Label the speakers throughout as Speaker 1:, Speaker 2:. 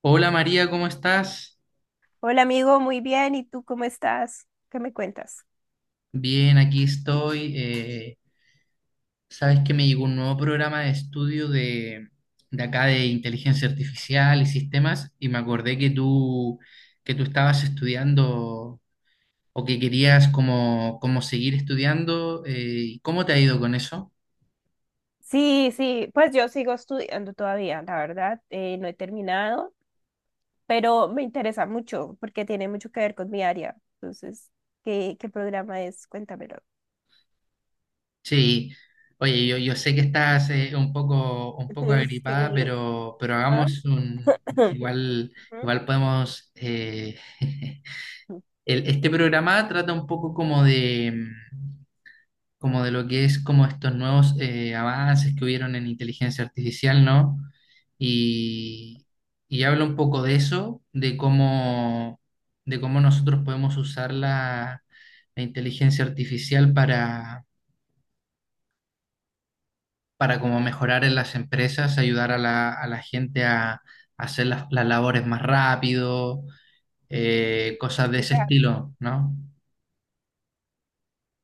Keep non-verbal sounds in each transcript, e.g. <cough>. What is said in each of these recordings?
Speaker 1: Hola María, ¿cómo estás?
Speaker 2: Hola amigo, muy bien. ¿Y tú cómo estás? ¿Qué me cuentas?
Speaker 1: Bien, aquí estoy. Sabes que me llegó un nuevo programa de estudio de acá de inteligencia artificial y sistemas y me acordé que tú estabas estudiando o que querías como seguir estudiando. ¿Cómo te ha ido con eso?
Speaker 2: Sí, sí, pues yo sigo estudiando todavía, la verdad, no he terminado, pero me interesa mucho porque tiene mucho que ver con mi área. Entonces, ¿qué programa es? Cuéntamelo.
Speaker 1: Sí, oye, yo sé que estás un poco
Speaker 2: <laughs>
Speaker 1: agripada,
Speaker 2: Sí.
Speaker 1: pero
Speaker 2: ah,
Speaker 1: hagamos un...
Speaker 2: <clears throat>
Speaker 1: Igual, igual podemos... <laughs>
Speaker 2: ujú.
Speaker 1: este programa trata un poco como de, como de lo que es como estos nuevos avances que hubieron en inteligencia artificial, ¿no? Y, y habla un poco de eso, de cómo nosotros podemos usar la inteligencia artificial para como mejorar en las empresas, ayudar a a la gente a hacer las labores más rápido, cosas de ese
Speaker 2: Matizar, ¿sí?
Speaker 1: estilo, ¿no?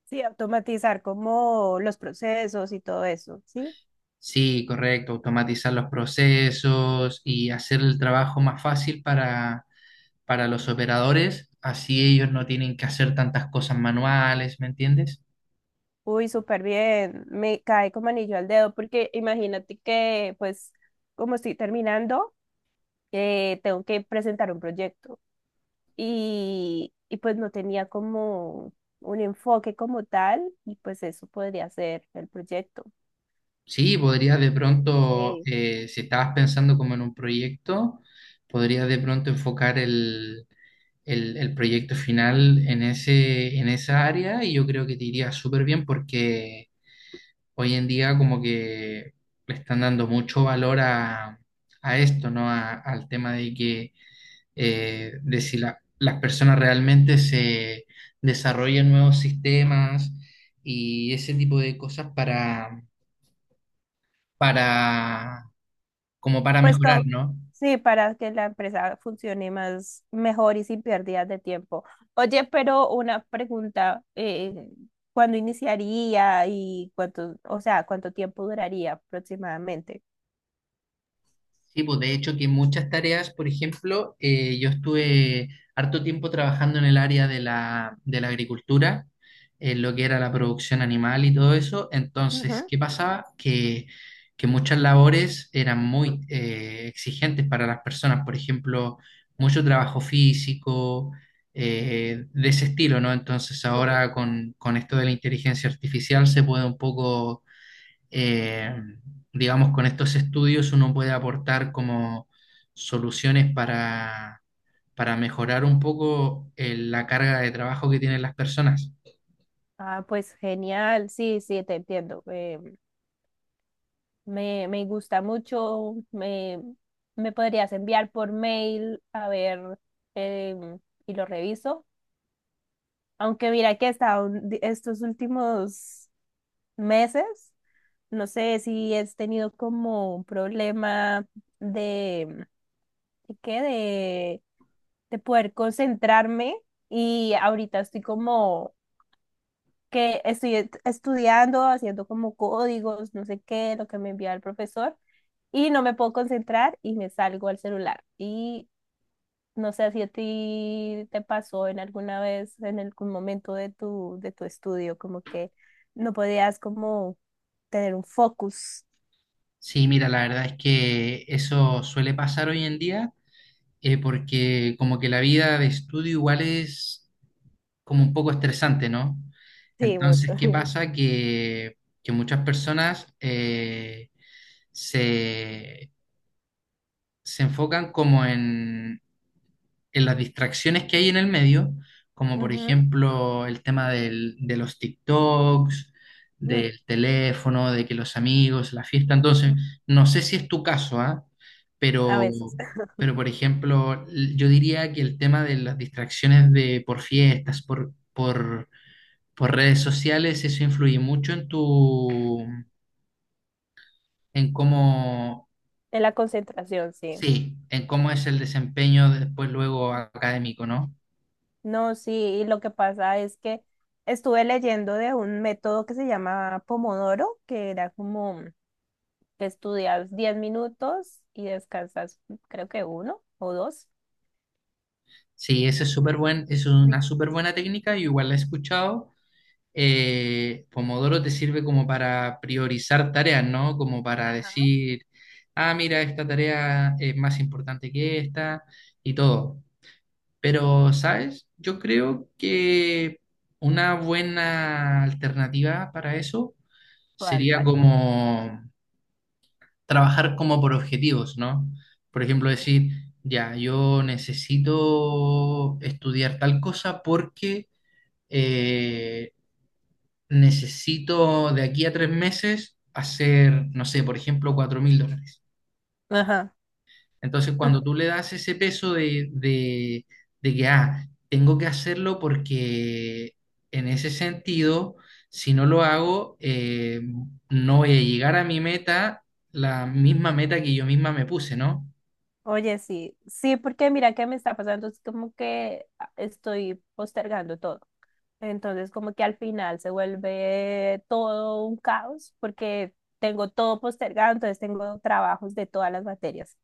Speaker 2: Sí, automatizar como los procesos y todo eso, ¿sí?
Speaker 1: Sí, correcto, automatizar los procesos y hacer el trabajo más fácil para los operadores, así ellos no tienen que hacer tantas cosas manuales, ¿me entiendes?
Speaker 2: Uy, súper bien, me cae como anillo al dedo porque imagínate que pues como estoy terminando. Tengo que presentar un proyecto y pues no tenía como un enfoque como tal y pues eso podría ser el proyecto.
Speaker 1: Sí, podrías de pronto,
Speaker 2: Sí,
Speaker 1: si estabas pensando como en un proyecto, podrías de pronto enfocar el proyecto final en ese, en esa área y yo creo que te iría súper bien porque hoy en día como que le están dando mucho valor a esto, ¿no? Al tema de que de si las personas realmente se desarrollan nuevos sistemas y ese tipo de cosas para, como para
Speaker 2: pues
Speaker 1: mejorar,
Speaker 2: todo
Speaker 1: ¿no?
Speaker 2: sí, para que la empresa funcione más mejor y sin pérdidas de tiempo. Oye, pero una pregunta, ¿cuándo iniciaría y cuánto, o sea, cuánto tiempo duraría aproximadamente?
Speaker 1: Sí, pues de hecho que muchas tareas, por ejemplo, yo estuve harto tiempo trabajando en el área de de la agricultura, en lo que era la producción animal y todo eso. Entonces,
Speaker 2: Ujú.
Speaker 1: ¿qué pasaba? Que muchas labores eran muy exigentes para las personas, por ejemplo, mucho trabajo físico, de ese estilo, ¿no? Entonces
Speaker 2: Sí.
Speaker 1: ahora con esto de la inteligencia artificial se puede un poco eh, digamos, con estos estudios uno puede aportar como soluciones para mejorar un poco la carga de trabajo que tienen las personas.
Speaker 2: Ah, pues genial, sí, sí, te entiendo. Me gusta mucho. Me podrías enviar por mail a ver em, y lo reviso. Aunque mira que hasta estos últimos meses, no sé si he tenido como un problema de, ¿de qué? De poder concentrarme y ahorita estoy como que estoy estudiando, haciendo como códigos, no sé qué, lo que me envía el profesor. Y no me puedo concentrar y me salgo al celular. Y no sé si a ti te pasó en alguna vez, en algún momento de tu estudio, como que no podías como tener un focus.
Speaker 1: Sí, mira, la verdad es que eso suele pasar hoy en día, porque como que la vida de estudio igual es como un poco estresante, ¿no?
Speaker 2: Sí, mucho.
Speaker 1: Entonces, ¿qué
Speaker 2: <laughs>
Speaker 1: pasa? Que muchas personas se, se enfocan como en las distracciones que hay en el medio, como por
Speaker 2: Ujú,
Speaker 1: ejemplo el tema de los TikToks,
Speaker 2: ujú.
Speaker 1: del teléfono, de que los amigos, la fiesta. Entonces, no sé si es tu caso, ¿ah?
Speaker 2: A
Speaker 1: Pero,
Speaker 2: veces.
Speaker 1: pero por ejemplo, yo diría que el tema de las distracciones por fiestas, por redes sociales, eso influye mucho en tu, en cómo,
Speaker 2: En la concentración, sí.
Speaker 1: sí, en cómo es el desempeño después luego académico, ¿no?
Speaker 2: No, sí, y lo que pasa es que estuve leyendo de un método que se llama Pomodoro, que era como que estudias 10 minutos y descansas creo que uno o dos.
Speaker 1: Sí, ese es súper buen, es una súper buena técnica, yo igual la he escuchado. Pomodoro te sirve como para priorizar tareas, ¿no? Como para
Speaker 2: Ajá.
Speaker 1: decir, ah, mira, esta tarea es más importante que esta y todo. Pero, ¿sabes? Yo creo que una buena alternativa para eso
Speaker 2: ¿Cuál,
Speaker 1: sería
Speaker 2: cuál?
Speaker 1: como trabajar como por objetivos, ¿no? Por ejemplo, decir, ya, yo necesito estudiar tal cosa porque eh, necesito de aquí a 3 meses hacer, no sé, por ejemplo, $4.000.
Speaker 2: Ajá.
Speaker 1: Entonces, cuando tú le das ese peso de que, ah, tengo que hacerlo porque en ese sentido, si no lo hago, no voy a llegar a mi meta, la misma meta que yo misma me puse, ¿no?
Speaker 2: Oye, sí, sí, porque mira qué me está pasando, es como que ah, estoy postergando todo. Entonces, como que al final se vuelve todo un caos porque tengo todo postergado, entonces tengo trabajos de todas las materias.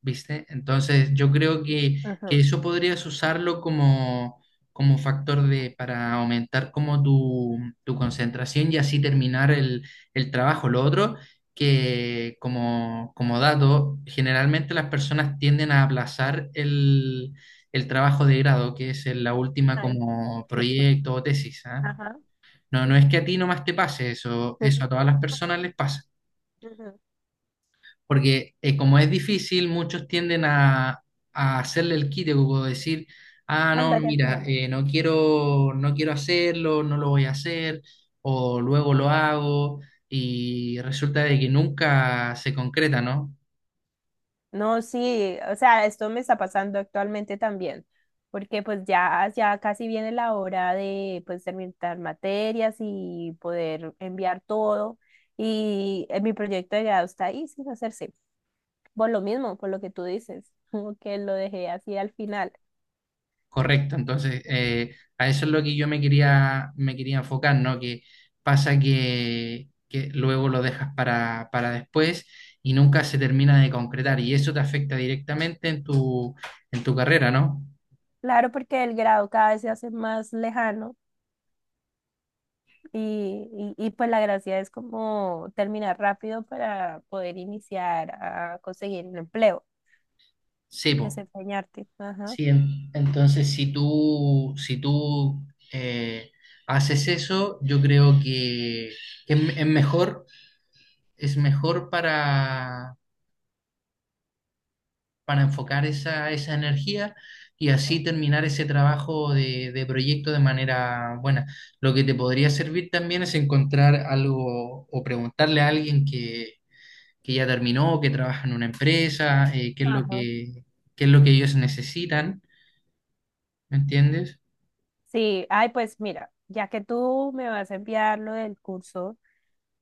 Speaker 1: ¿Viste? Entonces, yo creo que
Speaker 2: Ajá.
Speaker 1: eso podrías usarlo como, como factor de, para aumentar como tu concentración y así terminar el trabajo. Lo otro, que como, como dato, generalmente las personas tienden a aplazar el trabajo de grado, que es la última
Speaker 2: Ay,
Speaker 1: como proyecto o tesis, ¿ah?
Speaker 2: ajá.
Speaker 1: No, no es que a ti nomás te pase eso, eso a
Speaker 2: Ujú.
Speaker 1: todas las personas les pasa.
Speaker 2: Ujú.
Speaker 1: Porque como es difícil, muchos tienden a hacerle el quite, como decir, ah,
Speaker 2: Cuando
Speaker 1: no,
Speaker 2: haya
Speaker 1: mira,
Speaker 2: tiempo.
Speaker 1: no quiero hacerlo, no lo voy a hacer, o luego lo hago, y resulta de que nunca se concreta, ¿no?
Speaker 2: No, sí, o sea, esto me está pasando actualmente también, porque pues ya casi viene la hora de pues terminar materias y poder enviar todo y mi proyecto de grado está ahí sin hacerse, por lo mismo, por lo que tú dices, <laughs> como que lo dejé así al final.
Speaker 1: Correcto, entonces a eso es lo que me quería enfocar, ¿no? Que pasa que luego lo dejas para después y nunca se termina de concretar, y eso te afecta directamente en tu carrera, ¿no?
Speaker 2: Claro, porque el grado cada vez se hace más lejano y pues la gracia es como terminar rápido para poder iniciar a conseguir un empleo,
Speaker 1: Sí, po.
Speaker 2: desempeñarte. Ajá.
Speaker 1: Sí, entonces si tú eh, haces eso, yo creo que, que es, es mejor, es mejor para enfocar esa energía y así terminar ese trabajo de proyecto de manera buena. Lo que te podría servir también es encontrar algo o preguntarle a alguien que ya terminó, que trabaja en una empresa, qué es lo
Speaker 2: Ajá.
Speaker 1: que, qué es lo que ellos necesitan, ¿me entiendes?
Speaker 2: Sí, ay, pues mira, ya que tú me vas a enviar lo del curso,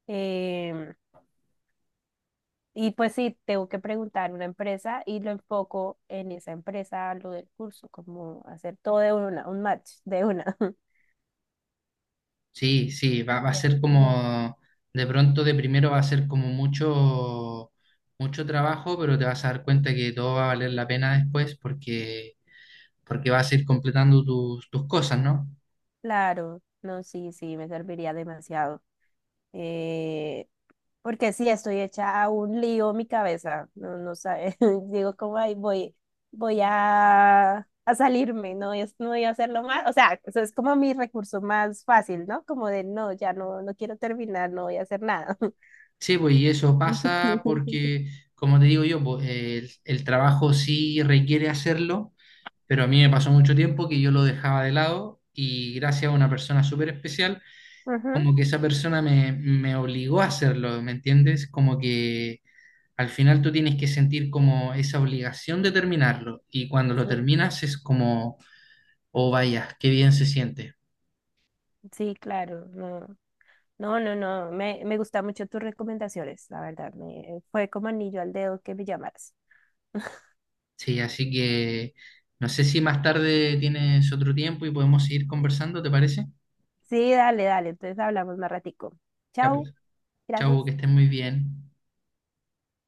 Speaker 2: em, y pues sí, tengo que preguntar una empresa y lo enfoco en esa empresa, lo del curso, como hacer todo de una, un match de una. <laughs>
Speaker 1: Sí, sí, va, va a
Speaker 2: Ya,
Speaker 1: ser
Speaker 2: como,
Speaker 1: como, de pronto de primero va a ser como mucho, mucho trabajo, pero te vas a dar cuenta que todo va a valer la pena después porque, porque vas a ir completando tus, tus cosas, ¿no?
Speaker 2: claro, no, sí, sí, me serviría demasiado. Eh, Porque sí, estoy hecha a un lío mi cabeza, no, no sabe, <laughs> digo cómo ahí voy, voy a salirme, no, no voy a hacerlo más, o sea, eso es como mi recurso más fácil, ¿no? Como de no, ya no, no quiero terminar, no voy a hacer nada.
Speaker 1: Sí, pues y eso pasa
Speaker 2: <laughs>
Speaker 1: porque, como te digo yo, pues, el trabajo sí requiere hacerlo, pero a mí me pasó mucho tiempo que yo lo dejaba de lado y gracias a una persona súper especial,
Speaker 2: Ujú,
Speaker 1: como que esa persona me obligó a hacerlo, ¿me entiendes? Como que al final tú tienes que sentir como esa obligación de terminarlo y cuando lo
Speaker 2: sí,
Speaker 1: terminas es como, oh vaya, qué bien se siente.
Speaker 2: sí, claro, no, me gustan mucho tus recomendaciones, la verdad, me, fue como anillo al dedo que me llamaras.
Speaker 1: Sí, así que no sé si más tarde tienes otro tiempo y podemos seguir conversando, ¿te parece?
Speaker 2: Sí, dale, dale, entonces hablamos más ratico.
Speaker 1: Ya
Speaker 2: Chao,
Speaker 1: pues,
Speaker 2: gracias.
Speaker 1: chao, que estés muy bien.